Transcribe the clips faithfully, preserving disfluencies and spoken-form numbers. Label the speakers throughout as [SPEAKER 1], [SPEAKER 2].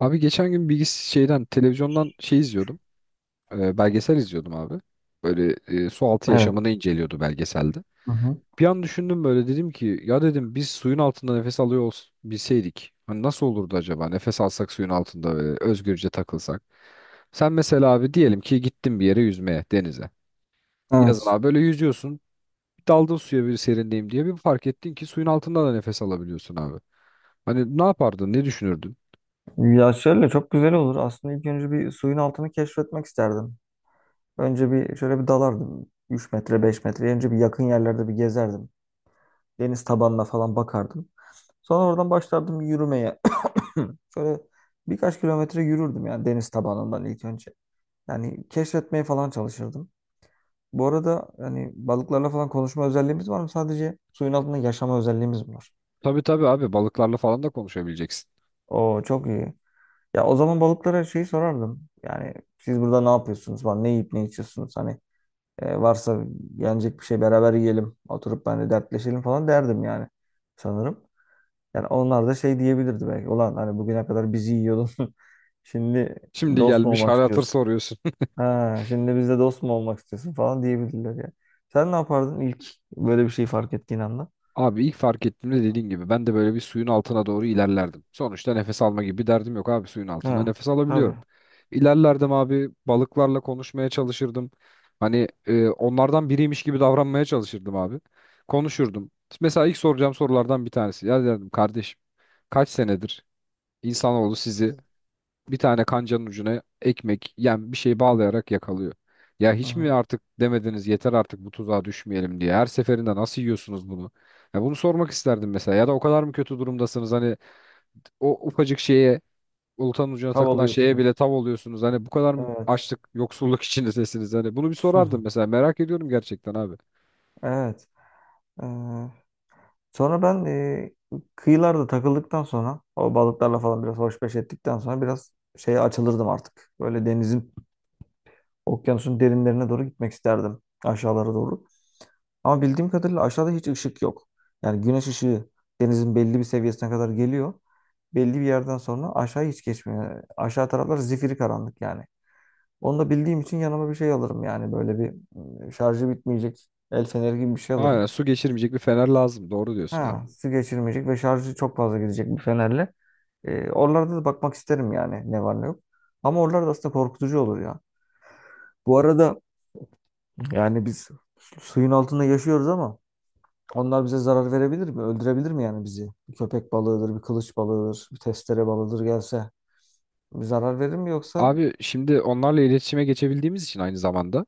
[SPEAKER 1] Abi geçen gün bilgis şeyden televizyondan şey izliyordum. E, belgesel izliyordum abi. Böyle e, su altı
[SPEAKER 2] Evet.
[SPEAKER 1] yaşamını inceliyordu belgeselde.
[SPEAKER 2] Hı hı.
[SPEAKER 1] Bir an düşündüm böyle dedim ki ya dedim biz suyun altında nefes alıyor ols- bilseydik. Hani nasıl olurdu acaba nefes alsak suyun altında böyle özgürce takılsak. Sen mesela abi diyelim ki gittin bir yere yüzmeye denize. Yazın
[SPEAKER 2] Evet.
[SPEAKER 1] abi böyle yüzüyorsun. Daldın suya bir serinleyeyim diye bir fark ettin ki suyun altında da nefes alabiliyorsun abi. Hani ne yapardın ne düşünürdün?
[SPEAKER 2] Ya şöyle çok güzel olur. Aslında ilk önce bir suyun altını keşfetmek isterdim. Önce bir şöyle bir dalardım. üç metre beş metre. Önce bir yakın yerlerde bir gezerdim. Deniz tabanına falan bakardım. Sonra oradan başlardım yürümeye. Şöyle birkaç kilometre yürürdüm yani deniz tabanından ilk önce. Yani keşfetmeye falan çalışırdım. Bu arada hani balıklarla falan konuşma özelliğimiz var mı? Sadece suyun altında yaşama özelliğimiz mi var?
[SPEAKER 1] Tabii tabii abi balıklarla falan da konuşabileceksin.
[SPEAKER 2] Oo, çok iyi. Ya o zaman balıklara şeyi sorardım. Yani siz burada ne yapıyorsunuz falan, ne yiyip ne içiyorsunuz hani, e, varsa yenecek bir şey beraber yiyelim, oturup ben de dertleşelim falan derdim yani sanırım. Yani onlar da şey diyebilirdi belki. Ulan hani bugüne kadar bizi yiyordun. Şimdi
[SPEAKER 1] Şimdi
[SPEAKER 2] dost mu
[SPEAKER 1] gelmiş
[SPEAKER 2] olmak
[SPEAKER 1] hal hatır
[SPEAKER 2] istiyorsun?
[SPEAKER 1] soruyorsun.
[SPEAKER 2] Ha, şimdi bizle dost mu olmak istiyorsun falan diyebilirler ya. Sen ne yapardın ilk böyle bir şey fark ettiğin anda?
[SPEAKER 1] Abi ilk fark ettiğimde dediğin gibi ben de böyle bir suyun altına doğru ilerlerdim. Sonuçta nefes alma gibi bir derdim yok abi suyun altında
[SPEAKER 2] Ha,
[SPEAKER 1] nefes
[SPEAKER 2] tabii.
[SPEAKER 1] alabiliyorum. İlerlerdim abi balıklarla konuşmaya çalışırdım. Hani e, onlardan biriymiş gibi davranmaya çalışırdım abi. Konuşurdum. Mesela ilk soracağım sorulardan bir tanesi. Ya derdim kardeşim kaç senedir insanoğlu sizi bir tane kancanın ucuna ekmek yani bir şey bağlayarak yakalıyor. Ya
[SPEAKER 2] Hı
[SPEAKER 1] hiç mi
[SPEAKER 2] hı.
[SPEAKER 1] artık demediniz yeter artık bu tuzağa düşmeyelim diye. Her seferinde nasıl yiyorsunuz bunu? Ya bunu sormak isterdim mesela. Ya da o kadar mı kötü durumdasınız hani o ufacık şeye oltanın ucuna
[SPEAKER 2] Tav
[SPEAKER 1] takılan şeye bile
[SPEAKER 2] alıyorsunuz.
[SPEAKER 1] tav oluyorsunuz. Hani bu kadar mı
[SPEAKER 2] Evet.
[SPEAKER 1] açlık, yoksulluk içindesiniz? Hani bunu bir sorardım mesela. Merak ediyorum gerçekten abi.
[SPEAKER 2] Evet. Ee, sonra ben e, kıyılarda takıldıktan sonra o balıklarla falan biraz hoşbeş ettikten sonra biraz şeye açılırdım artık. Böyle denizin, okyanusun derinlerine doğru gitmek isterdim. Aşağılara doğru. Ama bildiğim kadarıyla aşağıda hiç ışık yok. Yani güneş ışığı denizin belli bir seviyesine kadar geliyor. Belli bir yerden sonra aşağı hiç geçmiyor. Aşağı taraflar zifiri karanlık yani. Onu da bildiğim için yanıma bir şey alırım yani böyle bir, e, şarjı bitmeyecek el feneri gibi bir şey
[SPEAKER 1] Aynen,
[SPEAKER 2] alırım.
[SPEAKER 1] su geçirmeyecek bir fener lazım. Doğru diyorsun abi.
[SPEAKER 2] Ha, su geçirmeyecek ve şarjı çok fazla gidecek bir fenerle. E, oralarda da bakmak isterim yani ne var ne yok. Ama oralarda aslında korkutucu olur ya. Bu arada yani biz suyun altında yaşıyoruz ama onlar bize zarar verebilir mi? Öldürebilir mi yani bizi? Bir köpek balığıdır, bir kılıç balığıdır, bir testere balığıdır gelse. Bir zarar verir mi yoksa?
[SPEAKER 1] Abi şimdi onlarla iletişime geçebildiğimiz için aynı zamanda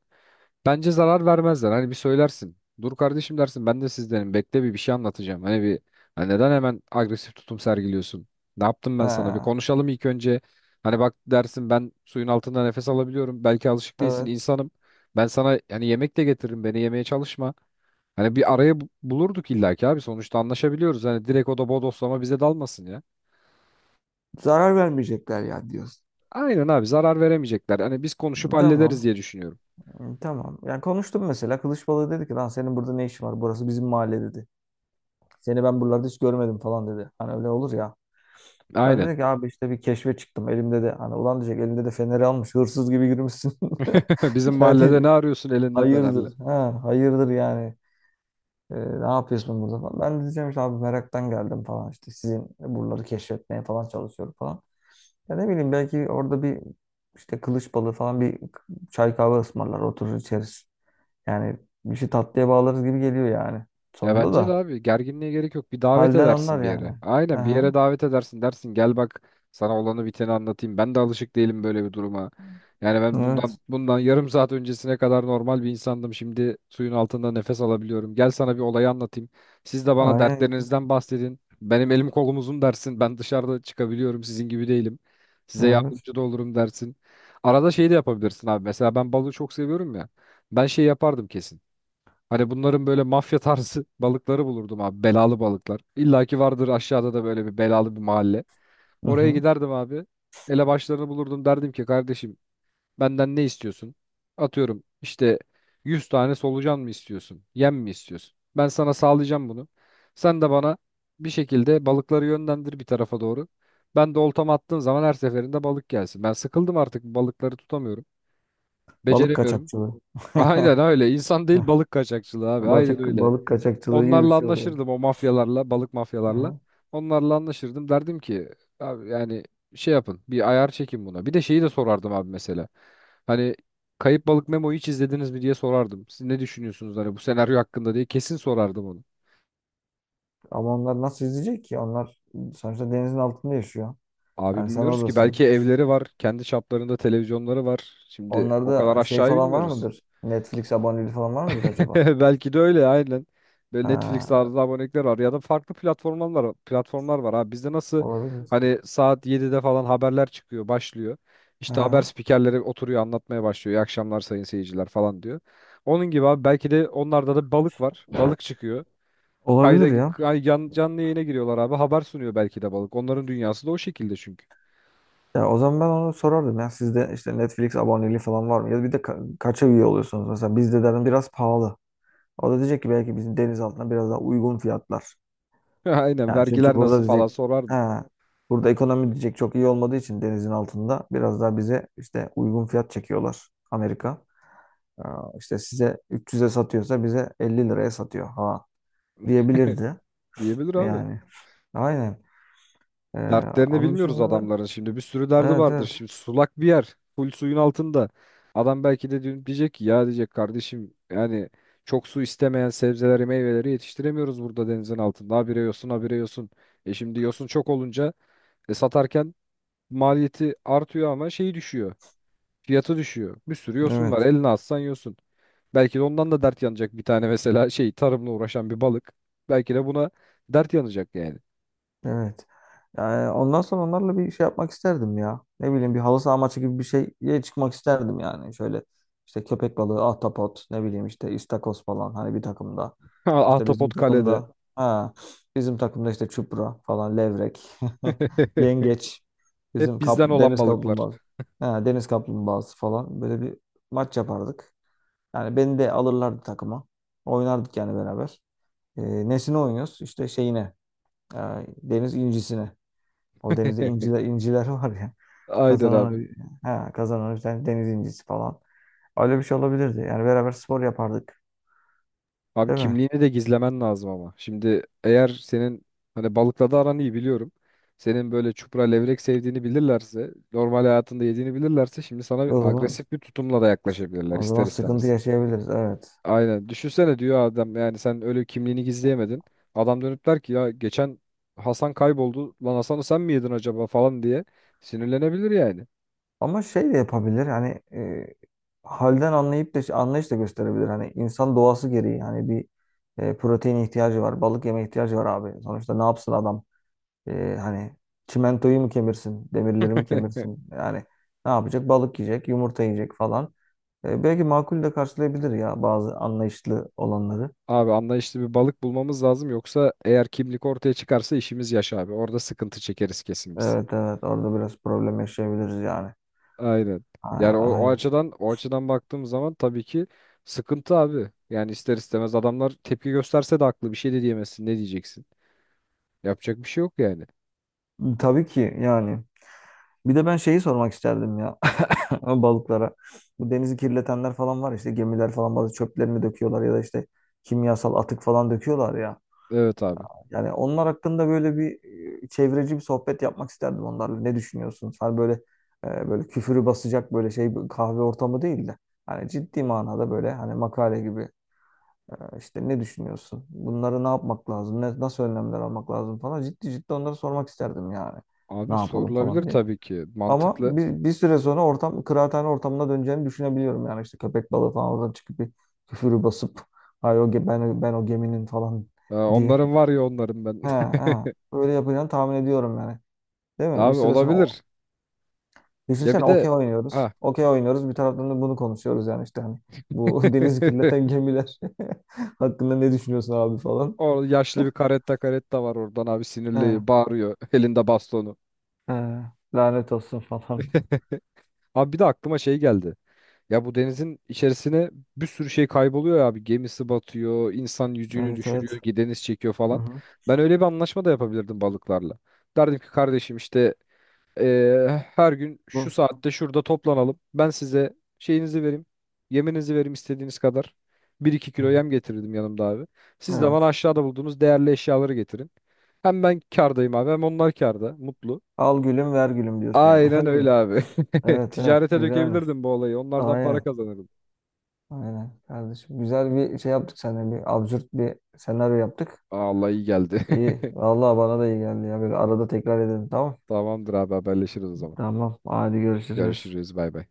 [SPEAKER 1] bence zarar vermezler. Hani bir söylersin. Dur kardeşim dersin ben de sizdenim. Bekle bir bir şey anlatacağım. Hani bir hani neden hemen agresif tutum sergiliyorsun? Ne yaptım
[SPEAKER 2] He,
[SPEAKER 1] ben sana? Bir konuşalım ilk önce. Hani bak dersin ben suyun altında nefes alabiliyorum. Belki alışık değilsin
[SPEAKER 2] evet.
[SPEAKER 1] insanım. Ben sana hani yemek de getiririm. Beni yemeye çalışma. Hani bir araya bu- bulurduk illaki abi. Sonuçta anlaşabiliyoruz. Hani direkt o da bodoslama bize dalmasın ya.
[SPEAKER 2] Zarar vermeyecekler yani diyorsun.
[SPEAKER 1] Aynen abi zarar veremeyecekler. Hani biz konuşup hallederiz
[SPEAKER 2] Tamam.
[SPEAKER 1] diye düşünüyorum.
[SPEAKER 2] Tamam. Yani konuştum mesela. Kılıç balığı dedi ki lan senin burada ne işin var? Burası bizim mahalle dedi. Seni ben buralarda hiç görmedim falan dedi. Hani öyle olur ya. Sen
[SPEAKER 1] Aynen.
[SPEAKER 2] dedin ki abi işte bir keşfe çıktım. Elimde de hani ulan diyecek, elinde de feneri almış. Hırsız gibi yürümüşsün.
[SPEAKER 1] Bizim mahallede ne
[SPEAKER 2] Yani
[SPEAKER 1] arıyorsun elinde fenerle?
[SPEAKER 2] hayırdır. Ha, hayırdır yani. Ee, ne yapıyorsun burada falan. Ben de diyeceğim işte abi meraktan geldim falan. İşte sizin buraları keşfetmeye falan çalışıyorum falan. Ya ne bileyim belki orada bir işte kılıç balığı falan bir çay kahve ısmarlar, oturur içeriz. Yani bir şey tatlıya bağlarız gibi geliyor yani.
[SPEAKER 1] Ya
[SPEAKER 2] Sonunda
[SPEAKER 1] bence de
[SPEAKER 2] da
[SPEAKER 1] abi gerginliğe gerek yok. Bir davet
[SPEAKER 2] halden anlar
[SPEAKER 1] edersin bir yere.
[SPEAKER 2] yani.
[SPEAKER 1] Aynen bir yere
[SPEAKER 2] Aha,
[SPEAKER 1] davet edersin dersin gel bak sana olanı biteni anlatayım. Ben de alışık değilim böyle bir duruma. Yani ben
[SPEAKER 2] evet.
[SPEAKER 1] bundan bundan yarım saat öncesine kadar normal bir insandım. Şimdi suyun altında nefes alabiliyorum. Gel sana bir olayı anlatayım. Siz de bana
[SPEAKER 2] Aynen.
[SPEAKER 1] dertlerinizden bahsedin. Benim elim kolum uzun dersin. Ben dışarıda çıkabiliyorum. Sizin gibi değilim. Size
[SPEAKER 2] Evet.
[SPEAKER 1] yardımcı da olurum dersin. Arada şey de yapabilirsin abi. Mesela ben balığı çok seviyorum ya. Ben şey yapardım kesin. Hani bunların böyle mafya tarzı balıkları bulurdum abi. Belalı balıklar. İlla ki vardır aşağıda da böyle bir belalı bir mahalle.
[SPEAKER 2] Hı
[SPEAKER 1] Oraya
[SPEAKER 2] hı.
[SPEAKER 1] giderdim abi. Elebaşlarını bulurdum derdim ki kardeşim benden ne istiyorsun? Atıyorum işte yüz tane solucan mı istiyorsun? Yem mi istiyorsun? Ben sana sağlayacağım bunu. Sen de bana bir şekilde balıkları yönlendir bir tarafa doğru. Ben de oltamı attığım zaman her seferinde balık gelsin. Ben sıkıldım artık balıkları tutamıyorum.
[SPEAKER 2] Balık
[SPEAKER 1] Beceremiyorum.
[SPEAKER 2] kaçakçılığı.
[SPEAKER 1] Aynen öyle. İnsan değil balık kaçakçılığı abi. Aynen
[SPEAKER 2] Balık,
[SPEAKER 1] öyle.
[SPEAKER 2] balık kaçakçılığı gibi bir
[SPEAKER 1] Onlarla
[SPEAKER 2] şey oluyor.
[SPEAKER 1] anlaşırdım o mafyalarla, balık mafyalarla.
[SPEAKER 2] Hı.
[SPEAKER 1] Onlarla anlaşırdım. Derdim ki abi yani şey yapın, bir ayar çekin buna. Bir de şeyi de sorardım abi mesela. Hani Kayıp Balık Memo'yu hiç izlediniz mi diye sorardım. Siz ne düşünüyorsunuz hani bu senaryo hakkında diye kesin sorardım onu.
[SPEAKER 2] Ama onlar nasıl izleyecek ki? Onlar sonuçta denizin altında yaşıyor.
[SPEAKER 1] Abi
[SPEAKER 2] Yani sen
[SPEAKER 1] bilmiyoruz ki
[SPEAKER 2] oradasın.
[SPEAKER 1] belki evleri var, kendi çaplarında televizyonları var. Şimdi o kadar
[SPEAKER 2] Onlarda şey
[SPEAKER 1] aşağıya
[SPEAKER 2] falan var
[SPEAKER 1] bilmiyoruz.
[SPEAKER 2] mıdır? Netflix aboneliği falan var mıdır acaba?
[SPEAKER 1] Belki de öyle aynen. Böyle Netflix
[SPEAKER 2] Ha,
[SPEAKER 1] tarzı abonelikler var ya da farklı platformlar var. Platformlar var abi. Bizde nasıl
[SPEAKER 2] olabilir.
[SPEAKER 1] hani saat yedide falan haberler çıkıyor, başlıyor. İşte haber
[SPEAKER 2] Aha.
[SPEAKER 1] spikerleri oturuyor anlatmaya başlıyor. İyi akşamlar sayın seyirciler falan diyor. Onun gibi abi belki de onlarda da balık var. Balık çıkıyor.
[SPEAKER 2] Olabilir
[SPEAKER 1] Kayda
[SPEAKER 2] ya.
[SPEAKER 1] kay- yan- canlı yayına giriyorlar abi. Haber sunuyor belki de balık. Onların dünyası da o şekilde çünkü.
[SPEAKER 2] Ya o zaman ben onu sorardım ya. Sizde işte Netflix aboneliği falan var mı? Ya bir de ka- kaça üye oluyorsunuz? Mesela bizde dedim biraz pahalı. O da diyecek ki belki bizim deniz altına biraz daha uygun fiyatlar.
[SPEAKER 1] Aynen
[SPEAKER 2] Yani çünkü
[SPEAKER 1] vergiler
[SPEAKER 2] burada
[SPEAKER 1] nasıl falan
[SPEAKER 2] diyecek
[SPEAKER 1] sorardı,
[SPEAKER 2] ha, burada ekonomi diyecek çok iyi olmadığı için denizin altında biraz daha bize işte uygun fiyat çekiyorlar Amerika. Aa, işte size üç yüze satıyorsa bize elli liraya satıyor ha diyebilirdi
[SPEAKER 1] diyebilir abi.
[SPEAKER 2] yani. Aynen. Ee,
[SPEAKER 1] Dertlerini
[SPEAKER 2] onun
[SPEAKER 1] bilmiyoruz
[SPEAKER 2] dışında da
[SPEAKER 1] adamların şimdi. Bir sürü derdi
[SPEAKER 2] evet,
[SPEAKER 1] vardır.
[SPEAKER 2] evet,
[SPEAKER 1] Şimdi sulak bir yer. Full suyun altında. Adam belki de dün diyecek ki ya diyecek kardeşim yani çok su istemeyen sebzeleri meyveleri yetiştiremiyoruz burada denizin altında. Habire yosun habire yosun. E şimdi yosun çok olunca e, satarken maliyeti artıyor ama şeyi düşüyor. Fiyatı düşüyor. Bir sürü yosun var.
[SPEAKER 2] evet.
[SPEAKER 1] Eline atsan yosun. Belki de ondan da dert yanacak bir tane mesela şey tarımla uğraşan bir balık. Belki de buna dert yanacak yani.
[SPEAKER 2] Evet. Yani ondan sonra onlarla bir şey yapmak isterdim ya. Ne bileyim bir halı saha maçı gibi bir şeye çıkmak isterdim yani. Şöyle işte köpek balığı, ahtapot, ne bileyim işte istakoz falan hani bir takımda. İşte bizim
[SPEAKER 1] Ahtapot kalede.
[SPEAKER 2] takımda ha, bizim takımda işte çupra falan, levrek, yengeç, bizim
[SPEAKER 1] Hep bizden
[SPEAKER 2] kapl-
[SPEAKER 1] olan
[SPEAKER 2] deniz
[SPEAKER 1] balıklar.
[SPEAKER 2] kaplumbağası. Ha, deniz kaplumbağası falan, böyle bir maç yapardık. Yani beni de alırlardı takıma. Oynardık yani beraber. E, nesine oynuyoruz? İşte şeyine. e, deniz incisine. O denizde inciler inciler var ya.
[SPEAKER 1] Aynen abi.
[SPEAKER 2] Kazanan ha, kazanan bir tane deniz incisi falan. Öyle bir şey olabilirdi. Yani beraber spor yapardık.
[SPEAKER 1] Abi
[SPEAKER 2] Değil mi?
[SPEAKER 1] kimliğini de gizlemen lazım ama. Şimdi eğer senin hani balıkla da aran iyi biliyorum. Senin böyle çupra levrek sevdiğini bilirlerse, normal hayatında yediğini bilirlerse şimdi sana
[SPEAKER 2] O zaman,
[SPEAKER 1] agresif bir tutumla da yaklaşabilirler
[SPEAKER 2] o zaman
[SPEAKER 1] ister
[SPEAKER 2] sıkıntı
[SPEAKER 1] istemez.
[SPEAKER 2] yaşayabiliriz. Evet.
[SPEAKER 1] Aynen. Düşünsene diyor adam yani sen öyle kimliğini gizleyemedin. Adam dönüp der ki ya geçen Hasan kayboldu. Lan Hasan'ı sen mi yedin acaba falan diye sinirlenebilir yani.
[SPEAKER 2] Ama şey de yapabilir. Hani e, halden anlayıp da anlayış da gösterebilir. Hani insan doğası gereği hani bir, e, protein ihtiyacı var. Balık yeme ihtiyacı var abi. Sonuçta ne yapsın adam? E, hani çimentoyu mu kemirsin? Demirleri mi kemirsin? Yani ne yapacak? Balık yiyecek, yumurta yiyecek falan. E, belki makul de karşılayabilir ya bazı anlayışlı olanları.
[SPEAKER 1] Abi anlayışlı bir balık bulmamız lazım yoksa eğer kimlik ortaya çıkarsa işimiz yaş abi. Orada sıkıntı çekeriz kesin biz.
[SPEAKER 2] Evet, evet, orada biraz problem yaşayabiliriz yani.
[SPEAKER 1] Aynen.
[SPEAKER 2] A-
[SPEAKER 1] Yani o, o
[SPEAKER 2] aynen.
[SPEAKER 1] açıdan o açıdan baktığımız zaman tabii ki sıkıntı abi. Yani ister istemez adamlar tepki gösterse de haklı bir şey de diyemezsin. Ne diyeceksin? Yapacak bir şey yok yani.
[SPEAKER 2] Tabii ki yani. Bir de ben şeyi sormak isterdim ya, balıklara. Bu denizi kirletenler falan var, işte gemiler falan bazı çöplerini döküyorlar ya da işte kimyasal atık falan döküyorlar ya.
[SPEAKER 1] Evet abi.
[SPEAKER 2] Yani onlar hakkında böyle bir, e, çevreci bir sohbet yapmak isterdim onlarla. Ne düşünüyorsunuz? Hani böyle e, böyle küfürü basacak böyle şey bir kahve ortamı değil de. Hani ciddi manada böyle hani makale gibi. Ee, İşte ne düşünüyorsun? Bunları ne yapmak lazım? Ne, nasıl önlemler almak lazım falan. Ciddi ciddi onları sormak isterdim yani. Ne
[SPEAKER 1] Abi
[SPEAKER 2] yapalım
[SPEAKER 1] sorulabilir
[SPEAKER 2] falan diye.
[SPEAKER 1] tabii ki.
[SPEAKER 2] Ama
[SPEAKER 1] Mantıklı.
[SPEAKER 2] bir, bir süre sonra ortam kıraathane ortamına döneceğini düşünebiliyorum. Yani işte köpek balığı falan oradan çıkıp bir küfürü basıp, ay o ge- ben, ben o geminin falan
[SPEAKER 1] Ee,
[SPEAKER 2] diye.
[SPEAKER 1] onların var ya onların ben.
[SPEAKER 2] He he. Öyle yapacağını tahmin ediyorum yani. Değil mi? Bir
[SPEAKER 1] Abi
[SPEAKER 2] süre sonra o,
[SPEAKER 1] olabilir. Ya
[SPEAKER 2] düşünsene
[SPEAKER 1] bir de
[SPEAKER 2] okey oynuyoruz.
[SPEAKER 1] ha.
[SPEAKER 2] Okey oynuyoruz. Bir taraftan da bunu konuşuyoruz yani işte hani bu denizi kirleten gemiler hakkında ne düşünüyorsun abi falan.
[SPEAKER 1] O yaşlı bir karetta karetta var oradan abi
[SPEAKER 2] He.
[SPEAKER 1] sinirli bağırıyor elinde bastonu.
[SPEAKER 2] He, lanet olsun falan diyor.
[SPEAKER 1] Abi bir de aklıma şey geldi. Ya bu denizin içerisine bir sürü şey kayboluyor ya abi. Gemisi batıyor, insan yüzüğünü
[SPEAKER 2] Evet, evet.
[SPEAKER 1] düşürüyor, deniz çekiyor
[SPEAKER 2] Hı
[SPEAKER 1] falan.
[SPEAKER 2] hı.
[SPEAKER 1] Ben öyle bir anlaşma da yapabilirdim balıklarla. Derdim ki kardeşim işte eee, her gün şu
[SPEAKER 2] Bu.
[SPEAKER 1] saatte şurada toplanalım. Ben size şeyinizi vereyim, yeminizi vereyim istediğiniz kadar. Bir iki
[SPEAKER 2] Hı.
[SPEAKER 1] kilo yem getirdim yanımda abi. Siz de bana
[SPEAKER 2] Evet.
[SPEAKER 1] aşağıda bulduğunuz değerli eşyaları getirin. Hem ben kârdayım abi hem onlar kârda, mutlu.
[SPEAKER 2] Al gülüm ver gülüm diyorsun yani.
[SPEAKER 1] Aynen
[SPEAKER 2] Öyle mi?
[SPEAKER 1] öyle abi.
[SPEAKER 2] Evet, evet.
[SPEAKER 1] Ticarete
[SPEAKER 2] Güzelmiş.
[SPEAKER 1] dökebilirdim bu olayı. Onlardan para
[SPEAKER 2] Aynen.
[SPEAKER 1] kazanırdım.
[SPEAKER 2] Aynen kardeşim. Güzel bir şey yaptık seninle. Bir absürt bir senaryo yaptık.
[SPEAKER 1] Aa, Allah iyi geldi.
[SPEAKER 2] İyi. Vallahi bana da iyi geldi ya. Böyle arada tekrar edelim, tamam.
[SPEAKER 1] Tamamdır abi haberleşiriz o zaman.
[SPEAKER 2] Tamam. Hadi görüşürüz.
[SPEAKER 1] Görüşürüz bay bay.